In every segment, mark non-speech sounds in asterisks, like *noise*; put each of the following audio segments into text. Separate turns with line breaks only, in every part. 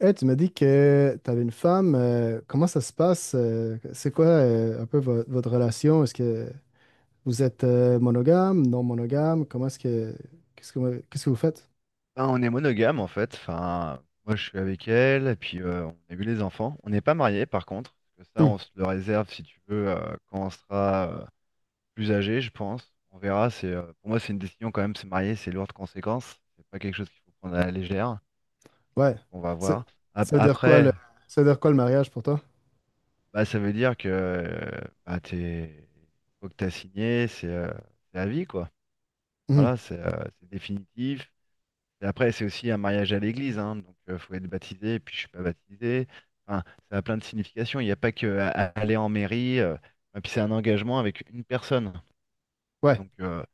Eh, tu m'as dit que tu avais une femme. Comment ça se passe? C'est quoi un peu votre relation? Est-ce que vous êtes monogame, non monogame? Comment est-ce que qu'est-ce que qu'est-ce que vous faites?
Ben, on est monogame en fait. Enfin, moi je suis avec elle, et puis on a eu les enfants. On n'est pas mariés par contre, parce que ça
Hmm,
on se le réserve si tu veux quand on sera plus âgé, je pense. On verra. C'est Pour moi c'est une décision quand même. Se marier, c'est lourd de conséquences. C'est pas quelque chose qu'il faut prendre à la légère.
ouais.
On va
Ça,
voir.
ça veut dire quoi le
Après,
ça veut dire quoi le mariage pour toi?
bah ça veut dire que bah, t'es faut que t'as signé, c'est la vie quoi.
Hmm,
Voilà, c'est définitif. Et après, c'est aussi un mariage à l'église, hein, donc il faut être baptisé, et puis je suis pas baptisé. Enfin, ça a plein de significations. Il n'y a pas que à aller en mairie. Et puis c'est un engagement avec une personne.
ouais.
Donc,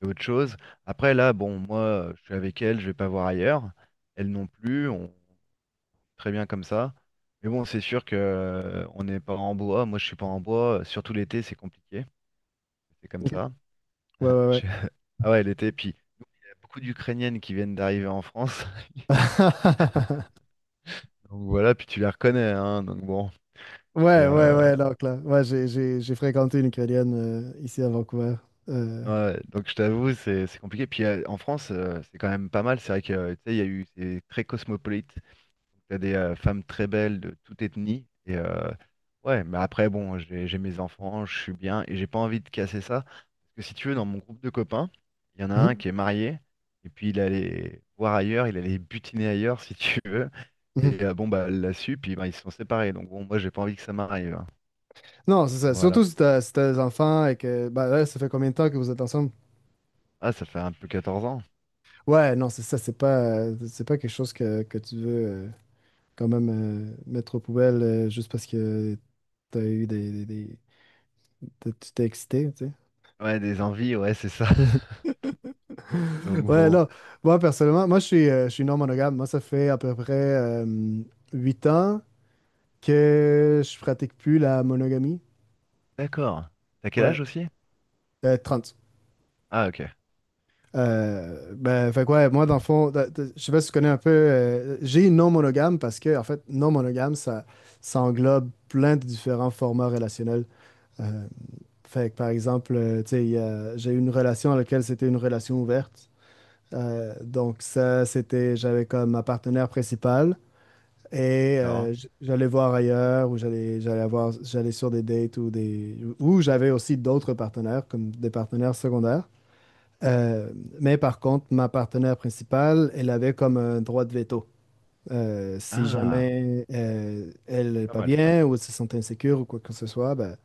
c'est autre chose. Après, là, bon, moi, je suis avec elle, je vais pas voir ailleurs. Elle non plus, on très bien comme ça. Mais bon, c'est sûr que on n'est pas en bois. Moi, je suis pas en bois. Surtout l'été, c'est compliqué. C'est comme ça.
Ouais, ouais,
*laughs*
ouais.
Je- Ah ouais, l'été, puis il y a beaucoup d'Ukrainiennes qui viennent d'arriver en France. *laughs*
*laughs*
Donc voilà, puis tu les reconnais, hein, donc bon. Et
Ouais, ouais, ouais, donc là. Ouais, j'ai fréquenté une Ukrainienne ici à Vancouver. Euh,
ouais, donc je t'avoue, c'est compliqué. Puis en France, c'est quand même pas mal. C'est vrai que tu sais, il y a eu c'est très cosmopolite. T'as des femmes très belles de toute ethnie. Et ouais, mais après bon, j'ai mes enfants, je suis bien et j'ai pas envie de casser ça. Parce que si tu veux, dans mon groupe de copains, il y en a un
mhm,
qui est marié et puis il allait voir ailleurs, il allait butiner ailleurs si tu veux.
mhm.
Et bon bah elle l'a su, puis bah, ils se sont séparés. Donc bon, moi j'ai pas envie que ça m'arrive, hein.
Non, c'est ça.
Voilà.
Surtout si t'as des enfants et que ben là, ça fait combien de temps que vous êtes ensemble?
Ah, ça fait un peu 14 ans.
Ouais, non, c'est ça, c'est pas quelque chose que, tu veux quand même mettre aux poubelles juste parce que t'as eu tu t'es excité, tu sais.
Ouais, des envies, ouais, c'est ça.
*laughs*
Donc
Ouais,
bon,
là, moi, personnellement, moi, je suis non monogame. Moi, ça fait à peu près 8 ans que je pratique plus la monogamie.
d'accord. T'as quel
Ouais,
âge aussi?
30.
Ah, ok,
Ben, fait que ouais, moi, dans le fond, je sais pas si tu connais un peu, j'ai non monogame parce que, en fait, non monogame, ça englobe plein de différents formats relationnels. Euh, Fait que, par exemple, tu sais, j'ai eu une relation dans laquelle c'était une relation ouverte. Donc, ça, c'était, j'avais comme ma partenaire principale, et
d'accord.
j'allais voir ailleurs ou j'allais sur des dates ou j'avais aussi d'autres partenaires, comme des partenaires secondaires. Euh, mais par contre, ma partenaire principale, elle avait comme un droit de veto. Si
Ah,
jamais elle
c'est
n'est
pas
pas
mal ça.
bien ou elle se sentait insécure ou quoi que ce soit, ben,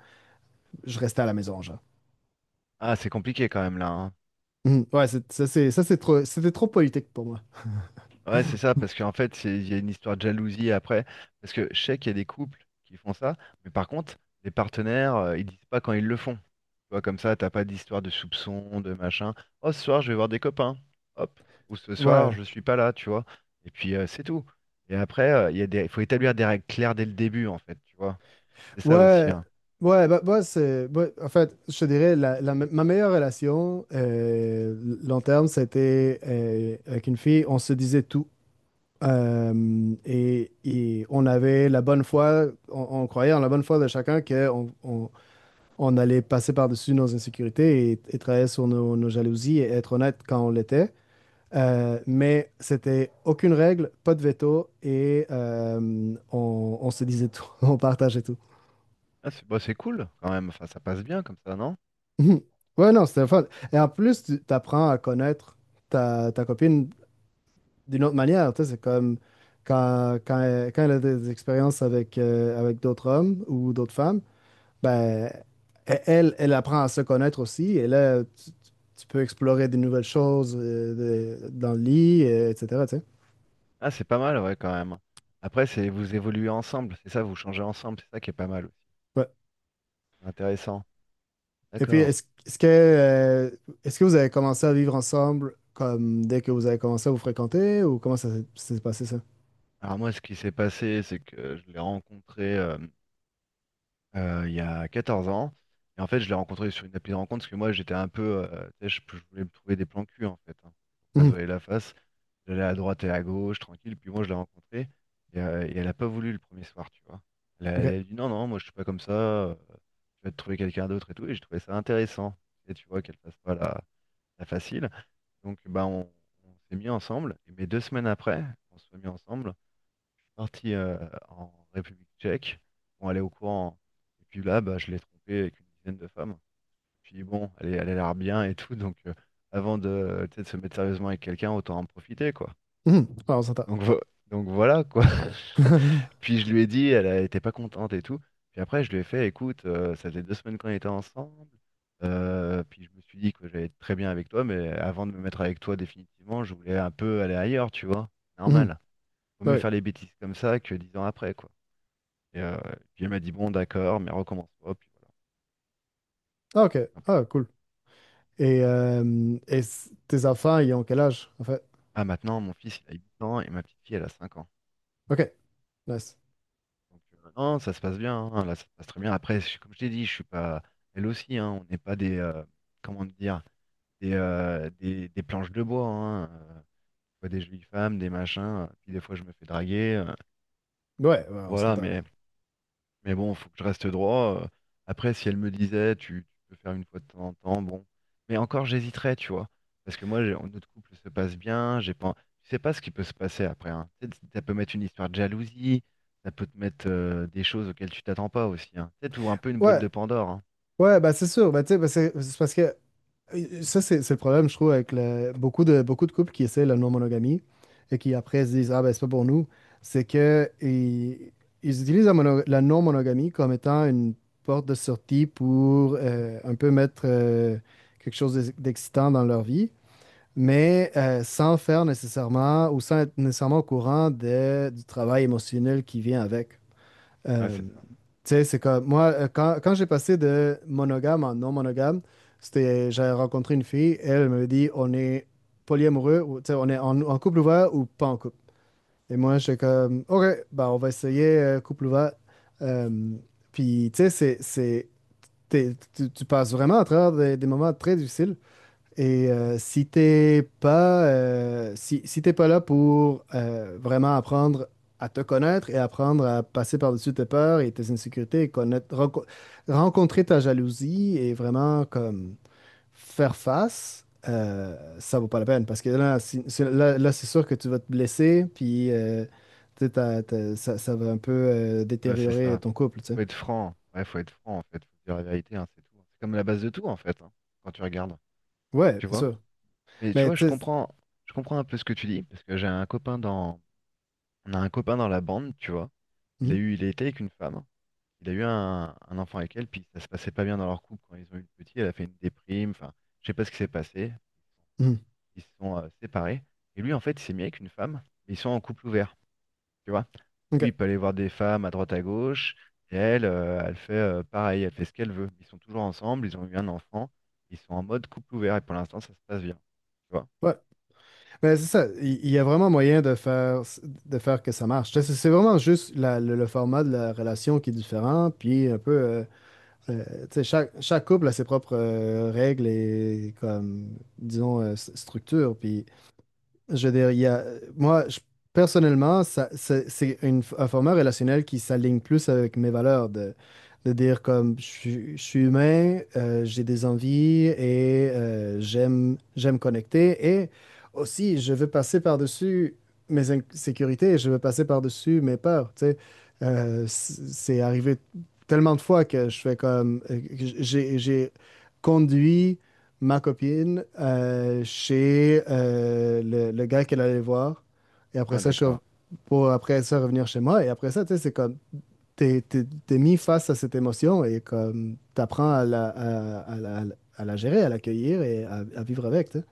je restais à la maison, genre.
Ah, c'est compliqué quand même là, hein.
Mhm. Ouais, c'était trop politique pour moi.
Ouais, c'est ça, parce qu'en fait, il y a une histoire de jalousie après. Parce que je sais qu'il y a des couples qui font ça, mais par contre, les partenaires, ils disent pas quand ils le font. Tu vois, comme ça, t'as pas d'histoire de soupçon, de machin. Oh, ce soir, je vais voir des copains. Hop. Ou ce
Ouais.
soir, je suis pas là, tu vois. Et puis c'est tout. Et après, il faut établir des règles claires dès le début, en fait, tu vois. C'est ça aussi,
Ouais.
hein.
Ouais, bah, c'est ouais, en fait, je te dirais ma meilleure relation long terme, c'était avec une fille, on se disait tout. Et on avait la bonne foi, on croyait en la bonne foi de chacun qu'on on allait passer par-dessus nos insécurités, et travailler sur nos jalousies et être honnête quand on l'était. Mais c'était aucune règle, pas de veto et on se disait tout, *laughs* on partageait tout. *laughs*
Ah, c'est bah, c'est cool quand même, enfin ça passe bien comme ça, non?
Ouais, non, c'était fun. Et en plus, tu apprends à connaître ta copine d'une autre manière. Tu sais, c'est comme quand elle a des expériences avec d'autres hommes ou d'autres femmes, ben, elle apprend à se connaître aussi. Et là, tu peux explorer des nouvelles choses dans le lit, etc., tu sais.
Ah, c'est pas mal, ouais, quand même. Après, c'est vous évoluez ensemble, c'est ça, vous changez ensemble, c'est ça qui est pas mal aussi.
Ouais.
C'est intéressant.
Et puis,
D'accord.
est-ce que vous avez commencé à vivre ensemble comme dès que vous avez commencé à vous fréquenter ou comment ça s'est passé ça?
Alors moi, ce qui s'est passé, c'est que je l'ai rencontré il y a 14 ans. Et en fait, je l'ai rencontré sur une appli de rencontre parce que moi, j'étais un peu, tu sais, je voulais me trouver des plans cul, en fait. Hein, pour pas se
Mhm.
voiler la face. J'allais à droite et à gauche, tranquille. Puis moi, je l'ai rencontrée. Et elle a pas voulu le premier soir, tu vois. Elle a, elle
OK.
a dit non, non, moi, je suis pas comme ça. Je vais te trouver quelqu'un d'autre et tout. Et j'ai trouvé ça intéressant. Et tu vois, qu'elle fasse pas la facile. Donc, bah, on s'est mis ensemble. Et mais 2 semaines après, on se soit mis ensemble parti en République tchèque. On allait au courant. Et puis là, bah, je l'ai trompée avec une dizaine de femmes. Puis bon, elle, elle a l'air bien et tout. Donc, avant de, tu sais, de se mettre sérieusement avec quelqu'un, autant en profiter, quoi.
Mhm. Ouais, on s'entend.
Donc, vo- donc, voilà, quoi. *laughs*
*laughs*
Puis je lui ai dit, elle n'était pas contente et tout. Puis après, je lui ai fait, écoute, ça faisait 2 semaines qu'on était ensemble. Puis je me suis dit que j'allais être très bien avec toi, mais avant de me mettre avec toi définitivement, je voulais un peu aller ailleurs, tu vois.
Mhm.
Normal. Vaut
Ben
mieux
oui.
faire les bêtises comme ça que 10 ans après, quoi. Et euh, puis elle m'a dit, bon, d'accord, mais recommence pas. Puis voilà,
Ah, OK.
simplement.
Ah, cool. Et tes enfants, ils ont quel âge, en fait?
Ah, maintenant, mon fils, il a 8 ans et ma petite fille, elle a 5 ans.
OK. Nice.
Donc, non, ça se passe bien, hein, là, ça se passe très bien. Après, comme je t'ai dit, je suis pas. Elle aussi, hein, on n'est pas des. Comment dire? Des planches de bois, hein. Je vois des jolies femmes, des machins. Puis des fois, je me fais draguer.
Ouais, ouais, on
Voilà,
s'entend.
mais. Mais bon, faut que je reste droit. Après, si elle me disait, tu peux faire une fois de temps en temps, bon. Mais encore, j'hésiterais, tu vois. Parce que moi, notre couple se passe bien. J'ai pas, tu sais pas ce qui peut se passer après, hein. Tu sais, ça peut mettre une histoire de jalousie. Ça peut te mettre des choses auxquelles tu t'attends pas aussi, hein. Tu sais, t'ouvres un peu une boîte
Ouais,
de Pandore, hein.
ouais, bah c'est sûr. Bah, tu sais, bah, c'est parce que ça, c'est le problème, je trouve, avec beaucoup de couples qui essaient la non-monogamie et qui après se disent, ah ben c'est pas pour nous. C'est que ils utilisent la non-monogamie comme étant une porte de sortie pour un peu mettre quelque chose d'excitant dans leur vie. Mais sans faire nécessairement ou sans être nécessairement au courant du travail émotionnel qui vient avec.
Ouais, c'est
Tu
ça.
sais, c'est comme moi, quand, quand j'ai passé de monogame en non monogame, c'était, j'avais rencontré une fille, elle me dit on est polyamoureux, ou, tu sais, on est en, couple ouvert ou pas en couple. Et moi, j'étais comme, OK, bah, on va essayer couple ouvert. Euh, Puis, tu sais, tu passes vraiment à travers des moments très difficiles. Et si t'es pas, si, si t'es pas là pour vraiment apprendre à te connaître et apprendre à passer par-dessus tes peurs et tes insécurités et connaître, rencontrer ta jalousie et vraiment comme faire face, ça vaut pas la peine parce que là, là, là, c'est sûr que tu vas te blesser puis tu sais, ça, ça va un peu
Ouais, c'est
détériorer
ça.
ton couple, tu sais.
Faut être franc. Ouais, faut être franc, en fait. Faut dire la vérité, hein, c'est tout, hein. C'est comme la base de tout, en fait, hein, quand tu regardes.
Ouais,
Tu
bien
vois?
sûr.
Mais tu
Mais
vois, je
tu sais.
comprends, je comprends un peu ce que tu dis. Parce que j'ai un copain dans On a un copain dans la bande, tu vois. Il a
Mhm.
eu, il était avec une femme. Il a eu un enfant avec elle, puis ça se passait pas bien dans leur couple quand ils ont eu le petit. Elle a fait une déprime. Enfin, je sais pas ce qui s'est passé.
Mhm.
Ils se sont séparés. Et lui, en fait, il s'est mis avec une femme, mais ils sont en couple ouvert, tu vois. Lui,
Ok.
il peut aller voir des femmes à droite à gauche. Et elle fait pareil. Elle fait ce qu'elle veut. Ils sont toujours ensemble. Ils ont eu un enfant. Ils sont en mode couple ouvert. Et pour l'instant, ça se passe bien. Tu vois.
Ouais. Ben, c'est ça, il y a vraiment moyen de faire, que ça marche. Tu sais, c'est vraiment juste le format de la relation qui est différent, puis un peu, euh, tu sais, chaque couple a ses propres règles et comme, disons, structures. Puis je veux dire, il y a, moi, personnellement, ça, c'est un format relationnel qui s'aligne plus avec mes valeurs de dire comme je suis humain, j'ai des envies et j'aime connecter et aussi je veux passer par-dessus mes insécurités, je veux passer par-dessus mes peurs, tu sais. C'est arrivé tellement de fois que je fais comme, que j'ai conduit ma copine chez le gars qu'elle allait voir. Et après
Ah,
ça,
d'accord.
pour après ça revenir chez moi. Et après ça, tu sais, c'est comme, t'es mis face à cette émotion et comme, t'apprends à la gérer, à l'accueillir et à vivre avec, tu sais,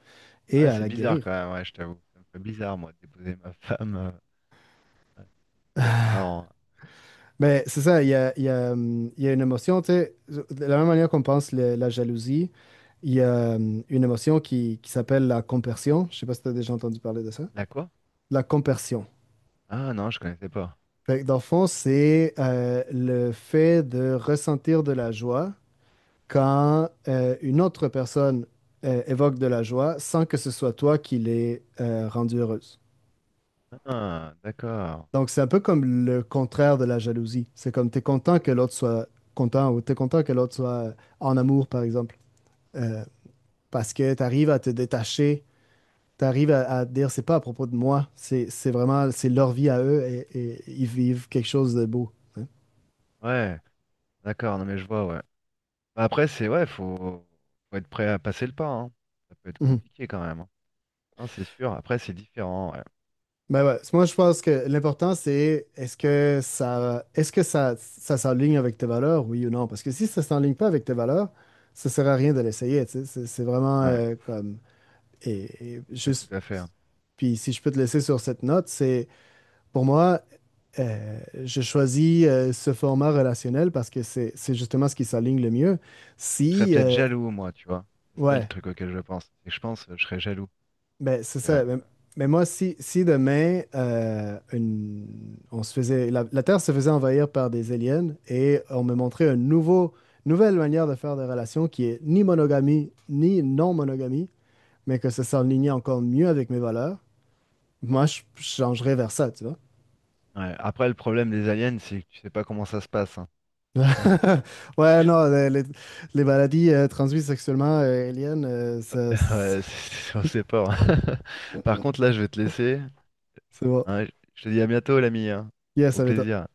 Ah
et
Ouais,
à
c'est
la
bizarre
guérir.
quand même, ouais, je t'avoue. Ça me fait bizarre, moi, de déposer ma femme. Ouais. Ah, c'est marrant.
Mais c'est ça, il y a, il y a, il y a une émotion, tu sais, de la même manière qu'on pense la jalousie, il y a une émotion qui s'appelle la compersion. Je sais pas si tu as déjà entendu parler de ça.
La quoi?
La compersion.
Ah non, je connaissais pas.
Fait que dans le fond, c'est le fait de ressentir de la joie quand une autre personne évoque de la joie sans que ce soit toi qui l'aies rendue heureuse.
Ah, d'accord.
Donc, c'est un peu comme le contraire de la jalousie. C'est comme tu es content que l'autre soit content ou tu es content que l'autre soit en amour, par exemple. Euh, Parce que tu arrives à te détacher, tu arrives à dire, c'est pas à propos de moi, c'est vraiment, c'est leur vie à eux et ils vivent quelque chose de beau, hein.
Ouais, d'accord, non mais je vois, ouais. Bah, après, c'est ouais, faut être prêt à passer le pas, hein. Ça peut être
Mhm.
compliqué quand même, hein. Non, c'est sûr. Après, c'est différent, ouais.
Ben ouais, moi je pense que l'important c'est est-ce que ça s'enligne avec tes valeurs, oui ou non? Parce que si ça s'enligne pas avec tes valeurs, ça sert à rien de l'essayer, tu sais. C'est vraiment
Ouais,
comme
ouais, tout
juste
à fait, hein.
puis si je peux te laisser sur cette note, c'est pour moi euh, je choisis ce format relationnel parce que c'est justement ce qui s'aligne le mieux.
Je serais
Si
peut-être jaloux, moi, tu vois. C'est ça le
Ouais.
truc auquel je pense. C'est que je pense, je serais jaloux.
Ben, c'est
Euh,
ça. Mais moi, si, si demain, la Terre se faisait envahir par des aliens et on me montrait une nouvelle manière de faire des relations qui est ni monogamie, ni non-monogamie, mais que ça s'enlignait encore mieux avec mes valeurs, moi, je changerais vers ça, tu vois.
ouais. Après, le problème des aliens, c'est que tu sais pas comment ça se passe, hein. *laughs*
*laughs* Ouais, non, les maladies transmises sexuellement, aliens,
*laughs* Ouais, on sait pas, hein. *laughs* Par contre, là, je vais te laisser,
c'est bon.
hein. Je te dis à bientôt, l'ami, hein.
Yes,
Au
ça m'étonne.
plaisir.